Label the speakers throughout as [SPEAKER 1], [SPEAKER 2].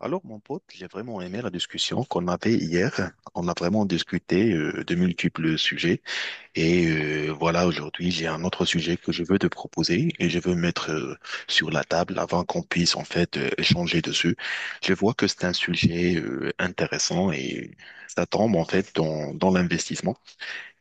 [SPEAKER 1] Alors, mon pote, j'ai vraiment aimé la discussion qu'on avait hier. On a vraiment discuté de multiples sujets. Et voilà, aujourd'hui, j'ai un autre sujet que je veux te proposer et je veux mettre sur la table avant qu'on puisse en fait échanger dessus. Je vois que c'est un sujet intéressant et ça tombe en fait dans l'investissement.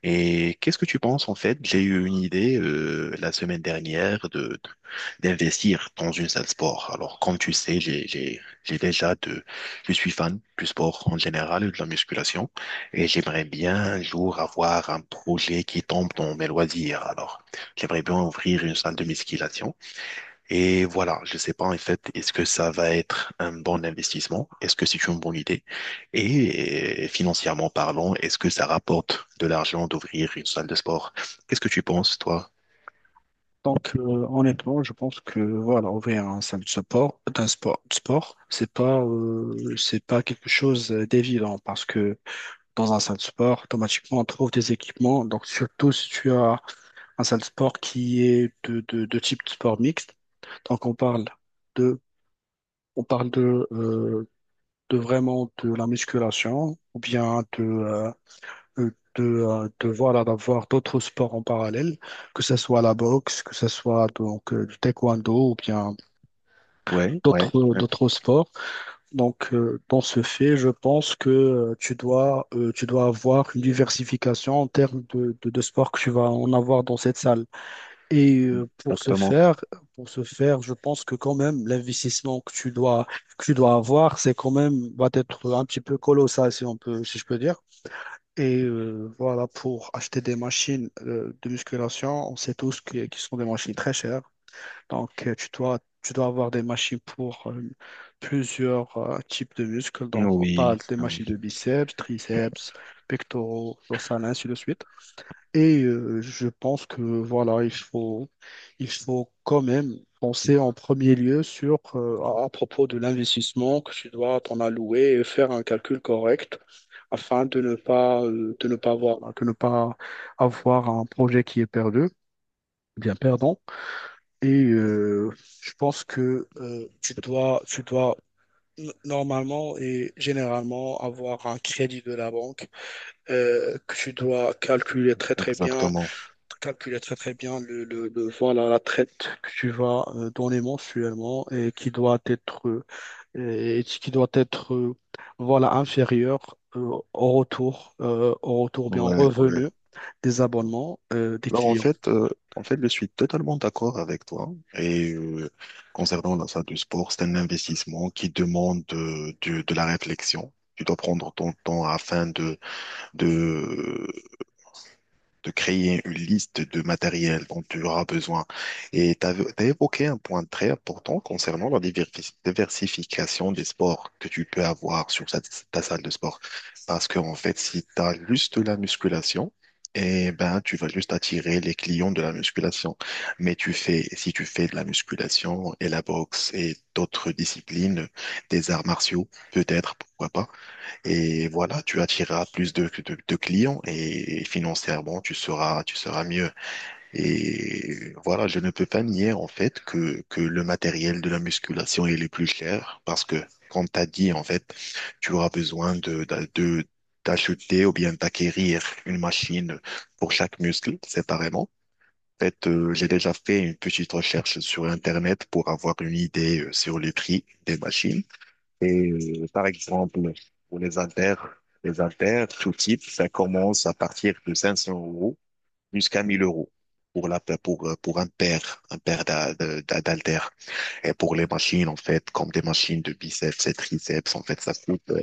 [SPEAKER 1] Et qu'est-ce que tu penses en fait? J'ai eu une idée la semaine dernière d'investir dans une salle sport. Alors comme tu sais, j'ai déjà de je suis fan du sport en général et de la musculation et j'aimerais bien un jour avoir un projet qui tombe dans mes loisirs. Alors j'aimerais bien ouvrir une salle de musculation et voilà, je ne sais pas en fait, est-ce que ça va être un bon investissement? Est-ce que c'est une bonne idée? Et financièrement parlant, est-ce que ça rapporte de l'argent d'ouvrir une salle de sport? Qu'est-ce que tu penses, toi?
[SPEAKER 2] Donc, euh, Honnêtement, je pense que voilà, ouvrir un centre de support, d'un sport, de sport, c'est pas quelque chose d'évident parce que dans un centre de sport, automatiquement, on trouve des équipements. Donc, surtout si tu as un centre de sport qui est de type de sport mixte. Donc, on parle de, on parle de vraiment de la musculation ou bien euh, de voilà, d'avoir d'autres sports en parallèle, que ce soit la boxe, que ce soit donc du taekwondo ou bien
[SPEAKER 1] Ouais, ouais,
[SPEAKER 2] d'autres
[SPEAKER 1] ouais,
[SPEAKER 2] d'autres sports. Donc, dans ce fait, je pense que tu dois avoir une diversification en termes de sports que tu vas en avoir dans cette salle. Et
[SPEAKER 1] exactement.
[SPEAKER 2] pour ce faire, je pense que quand même l'investissement que tu dois avoir, c'est quand même va être un petit peu colossal, si on peut, si je peux dire. Et voilà, pour acheter des machines de musculation, on sait tous qu'ils sont des machines très chères. Donc, tu dois avoir des machines pour plusieurs types de muscles. Donc, on
[SPEAKER 1] Oui,
[SPEAKER 2] parle des
[SPEAKER 1] oui,
[SPEAKER 2] machines de biceps, triceps, pectoraux, dorsales, ainsi de suite. Et je pense que voilà, il faut quand même penser en premier lieu sur à propos de l'investissement que tu dois t'en allouer et faire un calcul correct afin de ne pas avoir de ne pas avoir un projet qui est perdu, bien perdant. Et je pense que tu dois normalement et généralement avoir un crédit de la banque que tu dois calculer très très bien
[SPEAKER 1] exactement.
[SPEAKER 2] calculer très très bien le, voilà, la traite que tu vas donner mensuellement et qui doit être, et qui doit être euh, voilà, inférieure au retour bien au
[SPEAKER 1] Ouais, ouais.
[SPEAKER 2] revenu des abonnements des
[SPEAKER 1] Alors
[SPEAKER 2] clients.
[SPEAKER 1] en fait, je suis totalement d'accord avec toi. Et concernant la salle de sport, c'est un investissement qui demande de la réflexion. Tu dois prendre ton temps afin de, de créer une liste de matériel dont tu auras besoin. Et tu as évoqué un point très important concernant la diversification des sports que tu peux avoir sur ta salle de sport. Parce que, en fait, si tu as juste la musculation, et ben, tu vas juste attirer les clients de la musculation. Si tu fais de la musculation et la boxe et d'autres disciplines, des arts martiaux, peut-être, pourquoi pas, et voilà, tu attireras plus de clients et financièrement, tu seras mieux. Et voilà, je ne peux pas nier en fait que le matériel de la musculation il est le plus cher parce que, comme tu as dit, en fait, tu auras besoin d'acheter ou bien d'acquérir une machine pour chaque muscle séparément. En fait, j'ai déjà fait une petite recherche sur Internet pour avoir une idée sur les prix des machines. Et par exemple, pour les haltères, tout type, ça commence à partir de 500 euros jusqu'à 1000 euros pour pour un paire d'haltères. Et pour les machines, en fait, comme des machines de biceps et triceps, en fait,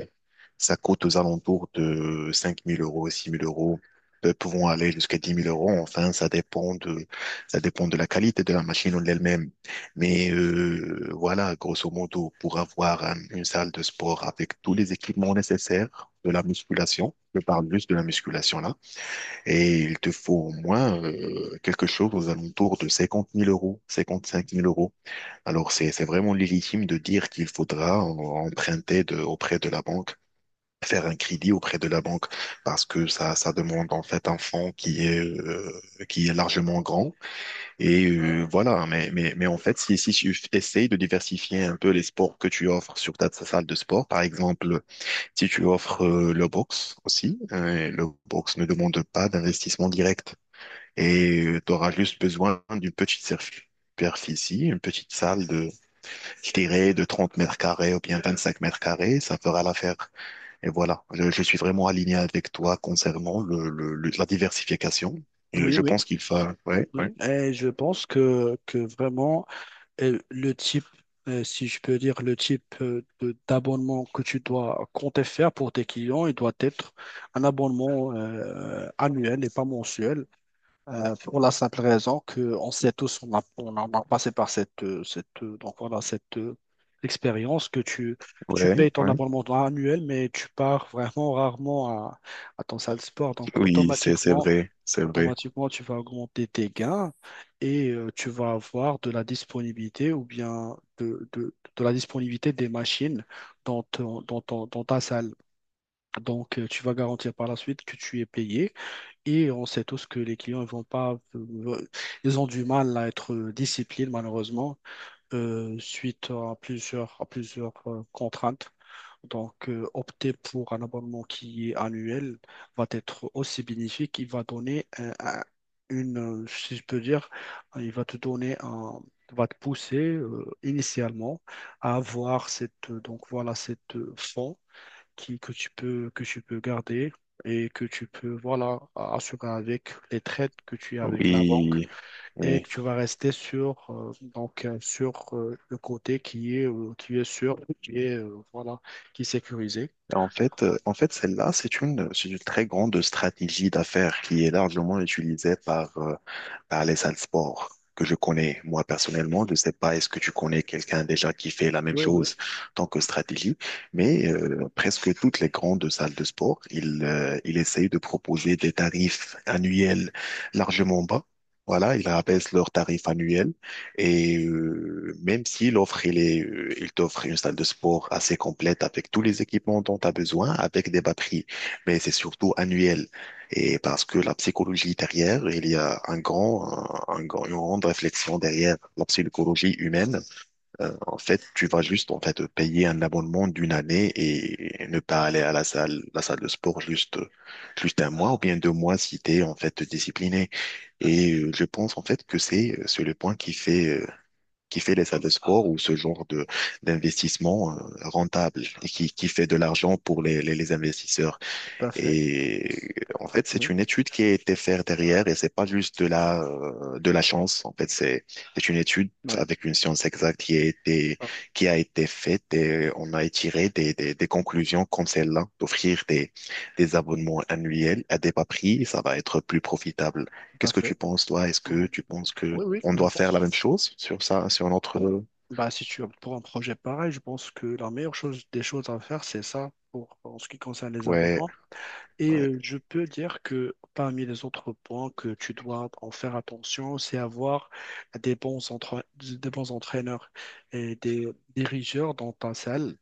[SPEAKER 1] ça coûte aux alentours de 5 000 euros, 6 000 euros, pouvant aller jusqu'à 10 000 euros. Enfin, ça dépend de la qualité de la machine en elle-même. Mais voilà, grosso modo, pour avoir une salle de sport avec tous les équipements nécessaires de la musculation, je parle juste de la musculation là, et il te faut au moins quelque chose aux alentours de 50 000 euros, 55 000 euros. Alors, c'est vraiment légitime de dire qu'il faudra emprunter auprès de la banque, faire un crédit auprès de la banque parce que ça demande en fait un fonds qui est largement grand. Et voilà, mais en fait, si tu essayes de diversifier un peu les sports que tu offres sur ta salle de sport, par exemple, si tu offres le box aussi, le box ne demande pas d'investissement direct et tu auras juste besoin d'une petite superficie, une petite salle de, je dirais, de 30 m² ou bien 25 m², ça fera l'affaire. Et voilà, je suis vraiment aligné avec toi concernant la diversification. Et
[SPEAKER 2] Oui,
[SPEAKER 1] je
[SPEAKER 2] oui,
[SPEAKER 1] pense qu'il faut... Ouais, ouais,
[SPEAKER 2] oui. Et je pense que vraiment, le type, si je peux dire, le type d'abonnement que tu dois compter faire pour tes clients, il doit être un abonnement annuel et pas mensuel. Pour la simple raison qu'on sait tous, on a passé par donc voilà, cette expérience que tu
[SPEAKER 1] ouais,
[SPEAKER 2] payes ton
[SPEAKER 1] ouais.
[SPEAKER 2] abonnement annuel, mais tu pars vraiment rarement à ton salle de sport. Donc
[SPEAKER 1] Oui, c'est
[SPEAKER 2] automatiquement,
[SPEAKER 1] vrai, c'est vrai.
[SPEAKER 2] automatiquement, tu vas augmenter tes gains et tu vas avoir de la disponibilité ou bien de la disponibilité des machines dans, dans ta salle. Donc tu vas garantir par la suite que tu es payé et on sait tous que les clients ils vont pas, ils ont du mal à être disciplinés malheureusement suite à plusieurs contraintes. Donc, opter pour un abonnement qui est annuel va être aussi bénéfique. Il va donner une, si je peux dire, il va te donner va te pousser initialement à avoir donc voilà, cette fond qui, que tu peux garder et que tu peux voilà, assurer avec les trades que tu as avec la banque
[SPEAKER 1] Oui,
[SPEAKER 2] et
[SPEAKER 1] oui.
[SPEAKER 2] que tu vas rester sur, sur le côté qui est sûr, qui est, voilà, qui est sécurisé.
[SPEAKER 1] En fait, celle-là, c'est une très grande stratégie d'affaires qui est largement utilisée par les salles sport que je connais. Moi, personnellement, je ne sais pas, est-ce que tu connais quelqu'un déjà qui fait la même
[SPEAKER 2] Oui, oui,
[SPEAKER 1] chose en tant que stratégie, mais presque toutes les grandes salles de sport, ils essayent de proposer des tarifs annuels largement bas. Voilà, ils abaissent leurs tarifs annuels et même si il t'offre une salle de sport assez complète avec tous les équipements dont tu as besoin, avec des batteries, mais c'est surtout annuel. Et parce que la psychologie derrière, il y a un grand- une grande réflexion derrière la psychologie humaine. En fait, tu vas juste en fait payer un abonnement d'une année et ne pas aller à la salle de sport juste un mois ou bien 2 mois si tu es en fait discipliné. Et je pense en fait que c'est le point qui fait les salles de sport ou ce genre de d'investissement rentable et qui fait de l'argent pour les investisseurs.
[SPEAKER 2] tout à fait.
[SPEAKER 1] Et en fait, c'est
[SPEAKER 2] Oui,
[SPEAKER 1] une étude qui a été faite derrière et c'est pas juste de la chance. En fait, c'est une étude
[SPEAKER 2] oui,
[SPEAKER 1] avec une science exacte
[SPEAKER 2] ah,
[SPEAKER 1] qui a été faite et on a tiré des conclusions comme celle-là, d'offrir des abonnements annuels à des bas prix, ça va être plus profitable.
[SPEAKER 2] tout à
[SPEAKER 1] Qu'est-ce que tu
[SPEAKER 2] fait.
[SPEAKER 1] penses, toi? Est-ce
[SPEAKER 2] Oui,
[SPEAKER 1] que tu penses que
[SPEAKER 2] oui,
[SPEAKER 1] on
[SPEAKER 2] je
[SPEAKER 1] doit faire la
[SPEAKER 2] pense.
[SPEAKER 1] même chose sur ça, sur notre,
[SPEAKER 2] Bah, si tu pour un projet pareil, je pense que la meilleure chose des choses à faire, c'est ça pour en ce qui concerne les
[SPEAKER 1] ouais,
[SPEAKER 2] abonnements. Et
[SPEAKER 1] ouais,
[SPEAKER 2] je peux dire que parmi les autres points que tu dois en faire attention, c'est avoir des bons, des bons entraîneurs et des dirigeurs dans ta salle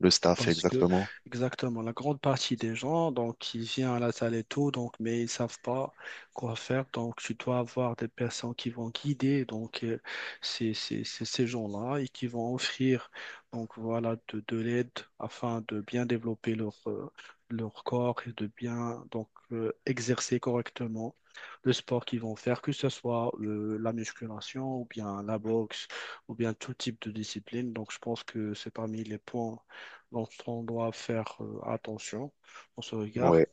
[SPEAKER 1] le staff,
[SPEAKER 2] parce que,
[SPEAKER 1] exactement.
[SPEAKER 2] exactement, la grande partie des gens, donc, ils viennent à la salle et tout, donc, mais ils savent pas quoi faire. Donc, tu dois avoir des personnes qui vont guider, donc, ces gens-là et qui vont offrir, donc, voilà, de l'aide afin de bien développer leur, leur corps et de bien, donc, exercer correctement le sport qu'ils vont faire, que ce soit la musculation ou bien la boxe ou bien tout type de discipline. Donc, je pense que c'est parmi les points donc, on doit faire attention, on se regarde.
[SPEAKER 1] Ouais.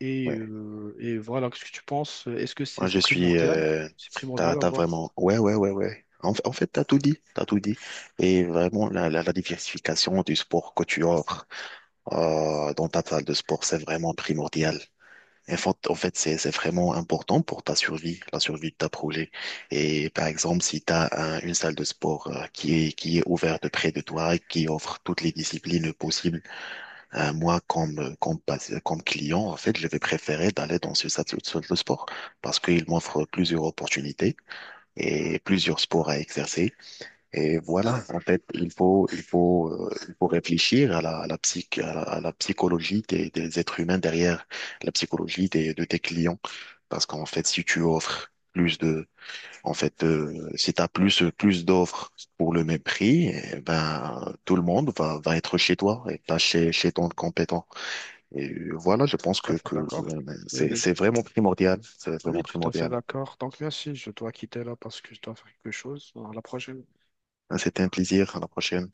[SPEAKER 1] Ouais.
[SPEAKER 2] Et voilà, qu'est-ce que tu penses? Est-ce que
[SPEAKER 1] Moi, je
[SPEAKER 2] c'est
[SPEAKER 1] suis.
[SPEAKER 2] primordial?
[SPEAKER 1] Euh,
[SPEAKER 2] C'est primordial
[SPEAKER 1] t'as, t'as
[SPEAKER 2] d'avoir.
[SPEAKER 1] vraiment. Ouais, ouais, ouais, ouais. En fait, t'as tout dit. T'as tout dit. Et vraiment, la diversification du sport que tu offres dans ta salle de sport, c'est vraiment primordial. En fait, c'est vraiment important pour ta survie, la survie de ta projet. Et par exemple, si tu as une salle de sport qui est ouverte près de toi et qui offre toutes les disciplines possibles, moi, comme, comme, pas- comme client, en fait, je vais préférer d'aller dans ce salle de sport parce qu'il m'offre plusieurs opportunités et plusieurs sports à exercer. Et voilà, en fait, il faut réfléchir à la psychologie des êtres humains derrière la psychologie de tes clients. Parce qu'en fait, si tu offres plus de, en fait, si t'as plus d'offres pour le même prix, eh ben, tout le monde va être chez toi et pas chez, chez ton compétent. Et voilà, je pense
[SPEAKER 2] Tout
[SPEAKER 1] que,
[SPEAKER 2] à fait
[SPEAKER 1] que euh,
[SPEAKER 2] d'accord. Oui,
[SPEAKER 1] c'est
[SPEAKER 2] oui.
[SPEAKER 1] vraiment primordial. C'est
[SPEAKER 2] Oui,
[SPEAKER 1] vraiment
[SPEAKER 2] tout à fait
[SPEAKER 1] primordial.
[SPEAKER 2] d'accord. Donc, merci, je dois quitter là parce que je dois faire quelque chose. À la prochaine.
[SPEAKER 1] C'était un plaisir. À la prochaine.